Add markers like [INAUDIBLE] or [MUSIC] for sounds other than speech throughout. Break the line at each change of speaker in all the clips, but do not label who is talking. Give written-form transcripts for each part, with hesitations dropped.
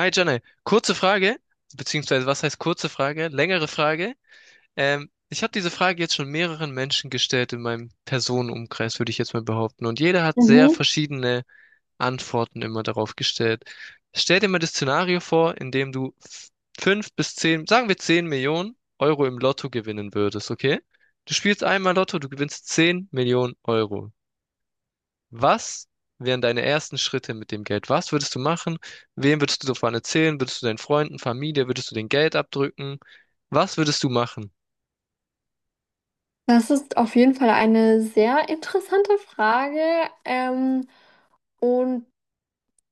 Hi Janne, kurze Frage, beziehungsweise was heißt kurze Frage? Längere Frage. Ich habe diese Frage jetzt schon mehreren Menschen gestellt in meinem Personenumkreis, würde ich jetzt mal behaupten. Und jeder hat sehr
Mhm.
verschiedene Antworten immer darauf gestellt. Stell dir mal das Szenario vor, in dem du fünf bis zehn, sagen wir 10 Millionen Euro im Lotto gewinnen würdest, okay? Du spielst einmal Lotto, du gewinnst 10 Millionen Euro. Was wären deine ersten Schritte mit dem Geld? Was würdest du machen? Wem würdest du davon erzählen? Würdest du deinen Freunden, Familie, würdest du den Geld abdrücken? Was würdest du machen?
Das ist auf jeden Fall eine sehr interessante Frage. Ähm, und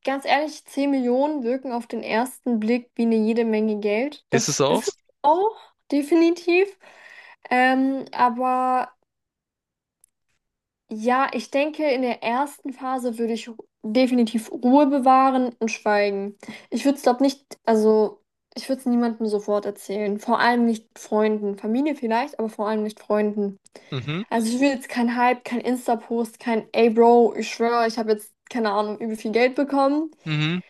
ganz ehrlich, 10 Millionen wirken auf den ersten Blick wie eine jede Menge Geld.
Ist
Das
es auch?
ist es auch definitiv. Aber ja, ich denke, in der ersten Phase würde ich definitiv Ruhe bewahren und schweigen. Ich würde es, glaube nicht, also ich würde es niemandem sofort erzählen. Vor allem nicht Freunden. Familie vielleicht, aber vor allem nicht Freunden.
Mhm,
Also ich will jetzt kein Hype, kein Insta-Post, kein Ey Bro, ich schwöre, ich habe jetzt, keine Ahnung, übel viel Geld bekommen.
mhm.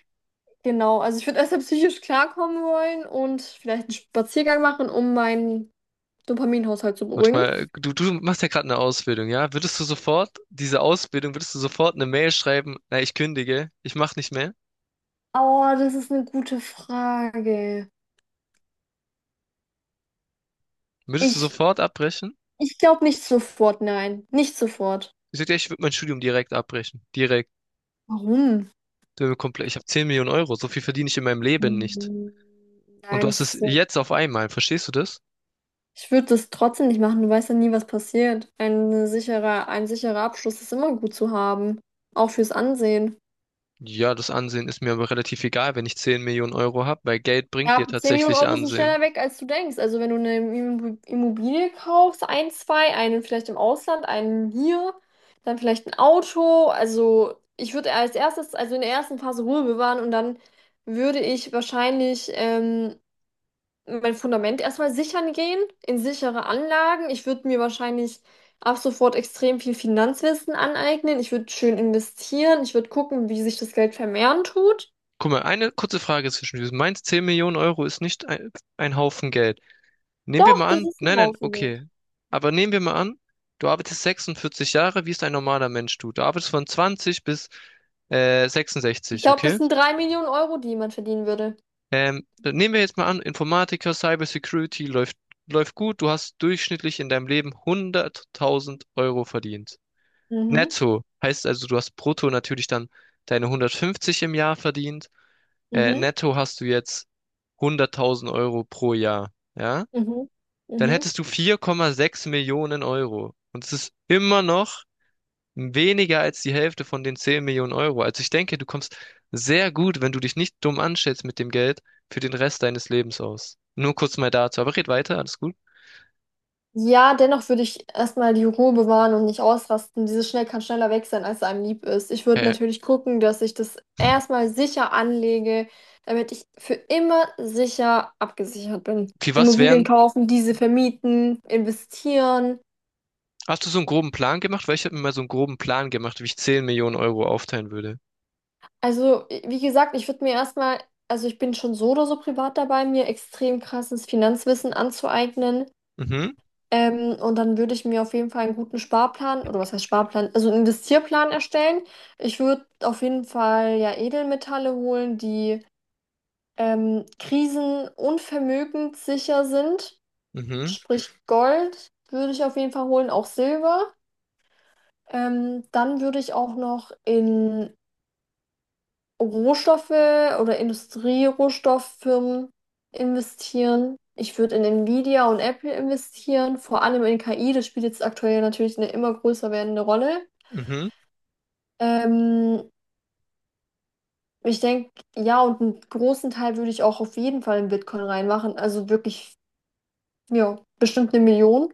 Genau, also ich würde erstmal psychisch klarkommen wollen und vielleicht einen Spaziergang machen, um meinen Dopaminhaushalt zu beruhigen.
Manchmal, du machst ja gerade eine Ausbildung, ja? Würdest du sofort, diese Ausbildung, würdest du sofort eine Mail schreiben, na, ich kündige, ich mach nicht mehr?
Oh, das ist eine gute Frage.
Würdest du
Ich,
sofort abbrechen?
ich glaube nicht sofort, nein. Nicht sofort.
Ich sag dir, ich würde mein Studium direkt abbrechen. Direkt.
Warum?
Ich habe 10 Millionen Euro, so viel verdiene ich in meinem Leben nicht.
Hm,
Und du
nein,
hast es jetzt auf einmal, verstehst du das?
ich würde das trotzdem nicht machen. Du weißt ja nie, was passiert. Ein sicherer Abschluss ist immer gut zu haben. Auch fürs Ansehen.
Ja, das Ansehen ist mir aber relativ egal, wenn ich 10 Millionen Euro habe, weil Geld bringt dir
Ja, 10 Millionen
tatsächlich
Euro sind
Ansehen.
schneller weg, als du denkst. Also wenn du eine Immobilie kaufst, ein, zwei, einen vielleicht im Ausland, einen hier, dann vielleicht ein Auto. Also ich würde als erstes, also in der ersten Phase Ruhe bewahren und dann würde ich wahrscheinlich mein Fundament erstmal sichern gehen, in sichere Anlagen. Ich würde mir wahrscheinlich ab sofort extrem viel Finanzwissen aneignen. Ich würde schön investieren. Ich würde gucken, wie sich das Geld vermehren tut.
Guck mal, eine kurze Frage zwischen diesen. Meinst 10 Millionen Euro ist nicht ein Haufen Geld. Nehmen wir
Doch,
mal
das
an,
ist
nein,
ein
nein,
Haufen.
okay. Aber nehmen wir mal an, du arbeitest 46 Jahre, wie es ein normaler Mensch tut. Du arbeitest von 20 bis
Ich
66,
glaube, das
okay?
sind 3 Millionen Euro, die man verdienen würde.
Dann nehmen wir jetzt mal an, Informatiker, Cybersecurity läuft, läuft gut. Du hast durchschnittlich in deinem Leben 100.000 Euro verdient.
Mhm,
Netto heißt also, du hast brutto natürlich dann deine 150 im Jahr verdient.
mhm,
Netto hast du jetzt 100.000 Euro pro Jahr, ja?
mhm,
Dann
mhm.
hättest du 4,6 Millionen Euro. Und es ist immer noch weniger als die Hälfte von den 10 Millionen Euro. Also ich denke, du kommst sehr gut, wenn du dich nicht dumm anstellst mit dem Geld, für den Rest deines Lebens aus. Nur kurz mal dazu. Aber red weiter, alles gut.
Ja, dennoch würde ich erst mal die Ruhe bewahren und nicht ausrasten. Dieses Schnell kann schneller weg sein, als einem lieb ist. Ich würde
Okay.
natürlich gucken, dass ich das erst mal sicher anlege, damit ich für immer sicher abgesichert bin.
Wie was
Immobilien
wären,
kaufen, diese vermieten, investieren.
hast du so einen groben Plan gemacht? Weil ich habe mir mal so einen groben Plan gemacht, wie ich 10 Millionen Euro aufteilen würde.
Also, i- wie gesagt, ich würde mir erst mal, also ich bin schon so oder so privat dabei, mir extrem krasses Finanzwissen anzueignen.
Mhm,
Und dann würde ich mir auf jeden Fall einen guten Sparplan, oder was heißt Sparplan, also einen Investierplan erstellen. Ich würde auf jeden Fall ja Edelmetalle holen, die krisen- und vermögenssicher sind.
mhm,
Sprich Gold würde ich auf jeden Fall holen, auch Silber. Dann würde ich auch noch in Rohstoffe oder Industrierohstofffirmen investieren. Ich würde in Nvidia und Apple investieren, vor allem in KI. Das spielt jetzt aktuell natürlich eine immer größer werdende Rolle.
mhm.
Ähm, ich denke, ja, und einen großen Teil würde ich auch auf jeden Fall in Bitcoin reinmachen. Also wirklich, ja, bestimmt eine Million.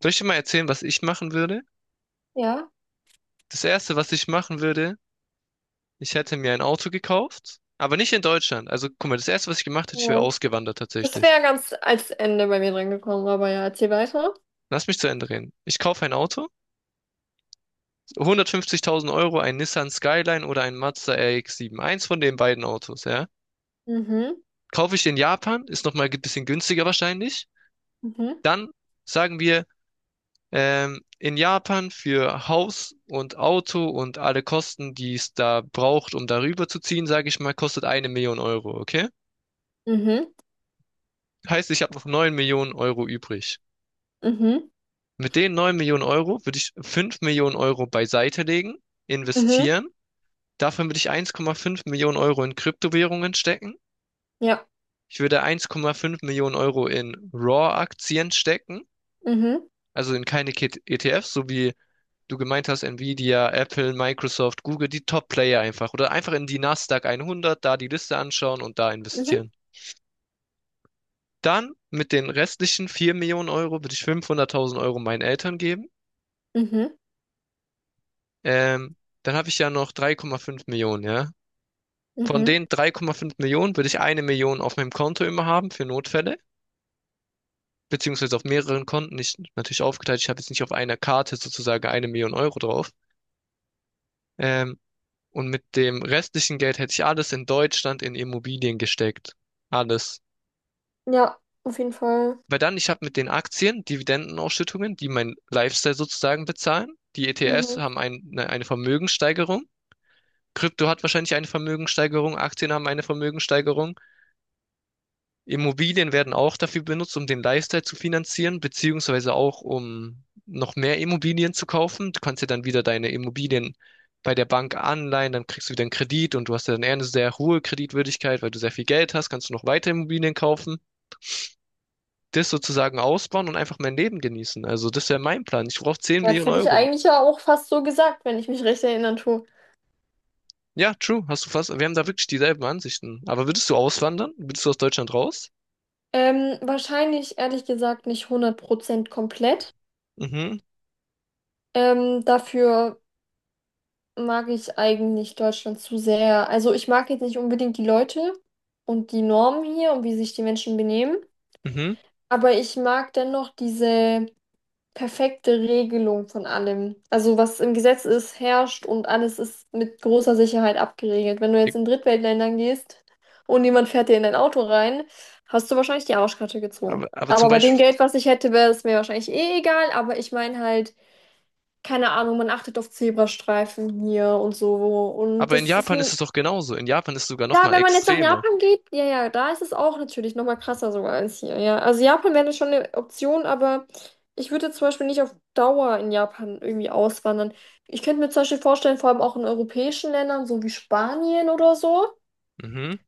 Soll ich dir mal erzählen, was ich machen würde?
Ja.
Das Erste, was ich machen würde, ich hätte mir ein Auto gekauft, aber nicht in Deutschland. Also, guck mal, das Erste, was ich gemacht hätte, ich wäre
Ja.
ausgewandert
Das
tatsächlich.
wäre ganz als Ende bei mir dran gekommen, aber ja, erzähl weiter.
Lass mich zu Ende reden. Ich kaufe ein Auto, 150.000 Euro, ein Nissan Skyline oder ein Mazda RX-7. Eins von den beiden Autos, ja.
Mhm,
Kaufe ich in Japan, ist nochmal ein bisschen günstiger wahrscheinlich.
mhm,
Dann sagen wir, in Japan für Haus und Auto und alle Kosten, die es da braucht, um darüber zu ziehen, sage ich mal, kostet 1 Million Euro, okay?
mhm,
Heißt, ich habe noch 9 Millionen Euro übrig.
mhm,
Mit den 9 Millionen Euro würde ich 5 Millionen Euro beiseite legen,
mhm,
investieren. Davon würde ich 1,5 Millionen Euro in Kryptowährungen stecken.
ja,
Ich würde 1,5 Millionen Euro in Raw-Aktien stecken,
mhm,
also in keine ETFs, so wie du gemeint hast, Nvidia, Apple, Microsoft, Google, die Top-Player einfach. Oder einfach in die Nasdaq 100, da die Liste anschauen und da
mhm,
investieren. Dann mit den restlichen 4 Millionen Euro würde ich 500.000 Euro meinen Eltern geben.
mhm,
Ähm, Dann habe ich ja noch 3,5 Millionen, ja. Von
mhm.
den 3,5 Millionen würde ich 1 Million auf meinem Konto immer haben für Notfälle, beziehungsweise auf mehreren Konten. Nicht natürlich aufgeteilt, ich habe jetzt nicht auf einer Karte sozusagen 1 Million Euro drauf. Ähm, Und mit dem restlichen Geld hätte ich alles in Deutschland in Immobilien gesteckt. Alles.
Ja, auf jeden Fall.
Weil dann, ich habe mit den Aktien Dividendenausschüttungen, die mein Lifestyle sozusagen bezahlen. Die ETFs
Mhm.
haben eine Vermögenssteigerung. Krypto hat wahrscheinlich eine Vermögenssteigerung. Aktien haben eine Vermögenssteigerung. Immobilien werden auch dafür benutzt, um den Lifestyle zu finanzieren, beziehungsweise auch um noch mehr Immobilien zu kaufen. Du kannst ja dann wieder deine Immobilien bei der Bank anleihen, dann kriegst du wieder einen Kredit und du hast ja dann eher eine sehr hohe Kreditwürdigkeit, weil du sehr viel Geld hast, kannst du noch weitere Immobilien kaufen, das sozusagen ausbauen und einfach mein Leben genießen. Also das wäre mein Plan. Ich brauche 10
Ja, das
Millionen
hätte ich
Euro.
eigentlich ja auch fast so gesagt, wenn ich mich recht erinnern tue.
Ja, true, hast du fast, wir haben da wirklich dieselben Ansichten. Aber würdest du auswandern? Würdest du aus Deutschland raus?
Wahrscheinlich, ehrlich gesagt, nicht 100% komplett.
Mhm,
Dafür mag ich eigentlich Deutschland zu sehr. Also ich mag jetzt nicht unbedingt die Leute und die Normen hier und wie sich die Menschen benehmen,
mhm.
aber ich mag dennoch diese perfekte Regelung von allem. Also was im Gesetz ist, herrscht und alles ist mit großer Sicherheit abgeregelt. Wenn du jetzt
Ich-
in Drittweltländern gehst und jemand fährt dir in dein Auto rein, hast du wahrscheinlich die Arschkarte gezogen.
aber zum
Aber bei dem
Beispiel,
Geld, was ich hätte, wäre es mir wahrscheinlich eh egal. Aber ich meine halt, keine Ahnung, man achtet auf Zebrastreifen hier und so. Und
aber in
das ist
Japan ist
ein,
es doch genauso. In Japan ist es sogar noch
ja,
mal
wenn man jetzt nach
extreme.
Japan geht, ja, ja, da ist es auch natürlich nochmal krasser sogar als hier, ja. Also Japan wäre schon eine Option, aber ich würde zum Beispiel nicht auf Dauer in Japan irgendwie auswandern. Ich könnte mir zum Beispiel vorstellen, vor allem auch in europäischen Ländern, so wie Spanien oder so.
Mhm.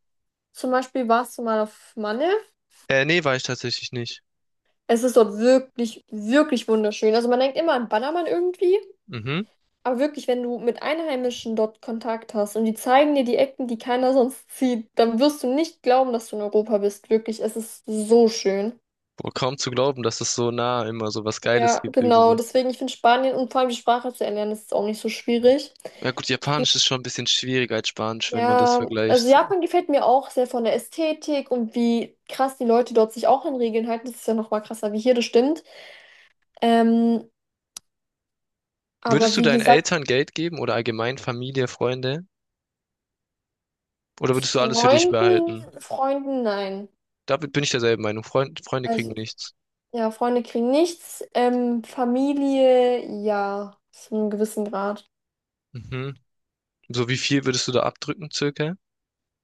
Zum Beispiel warst du mal auf Malle.
Nee, war ich tatsächlich nicht.
Es ist dort wirklich, wirklich wunderschön. Also man denkt immer an Ballermann irgendwie.
Mhm.
Aber wirklich, wenn du mit Einheimischen dort Kontakt hast und die zeigen dir die Ecken, die keiner sonst sieht, dann wirst du nicht glauben, dass du in Europa bist. Wirklich, es ist so schön.
Boah, kaum zu glauben, dass es so nah immer so was Geiles
Ja,
gibt
genau.
irgendwie.
Deswegen, ich finde Spanien und vor allem die Sprache zu erlernen, ist auch nicht so schwierig.
Ja gut, Japanisch ist schon ein bisschen schwieriger als Spanisch, wenn man das
Ja, also
vergleicht.
Japan gefällt mir auch sehr von der Ästhetik und wie krass die Leute dort sich auch an Regeln halten. Das ist ja noch mal krasser wie hier, das stimmt. Ähm, aber
Würdest du
wie
deinen
gesagt,
Eltern Geld geben oder allgemein Familie, Freunde? Oder würdest du alles für dich
Freunden,
behalten?
Freunden, nein.
Damit bin ich derselben Meinung. Freund, Freunde kriegen
Also
nichts.
ja, Freunde kriegen nichts. Familie, ja, zu einem gewissen Grad.
Mhm. So wie viel würdest du da abdrücken, circa?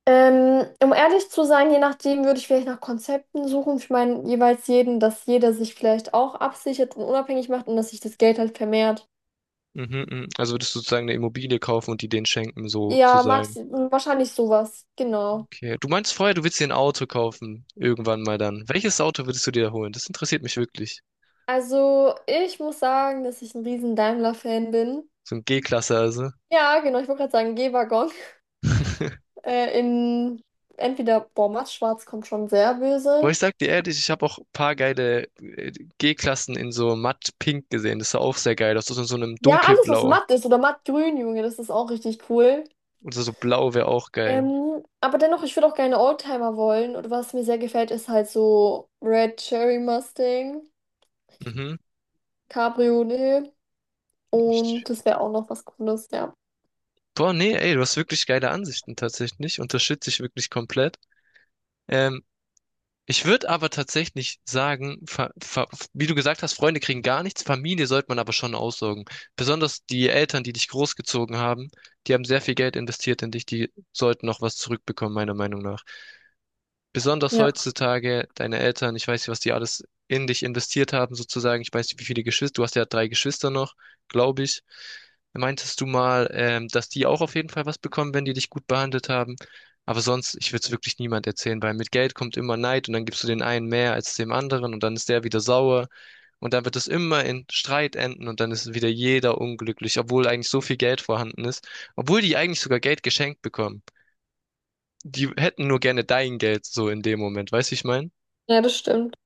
Um ehrlich zu sein, je nachdem würde ich vielleicht nach Konzepten suchen. Ich meine, jeweils jeden, dass jeder sich vielleicht auch absichert und unabhängig macht und dass sich das Geld halt vermehrt.
Mhm, mhm. Also würdest du sozusagen eine Immobilie kaufen und die denen schenken,
Ja, Max,
sozusagen.
wahrscheinlich sowas. Genau.
Okay. Du meinst vorher, du willst dir ein Auto kaufen. Irgendwann mal dann. Welches Auto würdest du dir da holen? Das interessiert mich wirklich.
Also, ich muss sagen, dass ich ein riesen Daimler-Fan bin.
So ein G-Klasse also.
Ja, genau, ich wollte gerade sagen, G-Waggon.
[LAUGHS]
In entweder, boah, Matt Schwarz kommt schon sehr
Boah, ich
böse.
sag dir ehrlich, ich habe auch ein paar geile G-Klassen in so matt pink gesehen. Das sah auch sehr geil aus. Das ist in so einem
Ja, alles, was
dunkelblau.
matt ist oder mattgrün, Junge, das ist auch richtig cool.
Oder so so blau wäre auch geil.
Aber dennoch, ich würde auch gerne Oldtimer wollen. Und was mir sehr gefällt, ist halt so Red Cherry Mustang,
Mhm.
Cabriolet. Und
Ich,
das wäre auch noch was Cooles, ja.
boah, nee, ey, du hast wirklich geile Ansichten tatsächlich. Unterstütze ich wirklich komplett. Ähm, Ich würde aber tatsächlich sagen, wie du gesagt hast, Freunde kriegen gar nichts, Familie sollte man aber schon aussorgen. Besonders die Eltern, die dich großgezogen haben, die haben sehr viel Geld investiert in dich, die sollten noch was zurückbekommen, meiner Meinung nach, besonders
Ja.
heutzutage. Deine Eltern, ich weiß nicht, was die alles in dich investiert haben, sozusagen. Ich weiß nicht, wie viele Geschwister, du hast ja drei Geschwister noch, glaube ich. Meintest du mal, dass die auch auf jeden Fall was bekommen, wenn die dich gut behandelt haben? Aber sonst, ich würde es wirklich niemand erzählen, weil mit Geld kommt immer Neid und dann gibst du den einen mehr als dem anderen und dann ist der wieder sauer und dann wird es immer in Streit enden und dann ist wieder jeder unglücklich, obwohl eigentlich so viel Geld vorhanden ist, obwohl die eigentlich sogar Geld geschenkt bekommen, die hätten nur gerne dein Geld so in dem Moment, weißt du, ich meine?
Ja, das stimmt.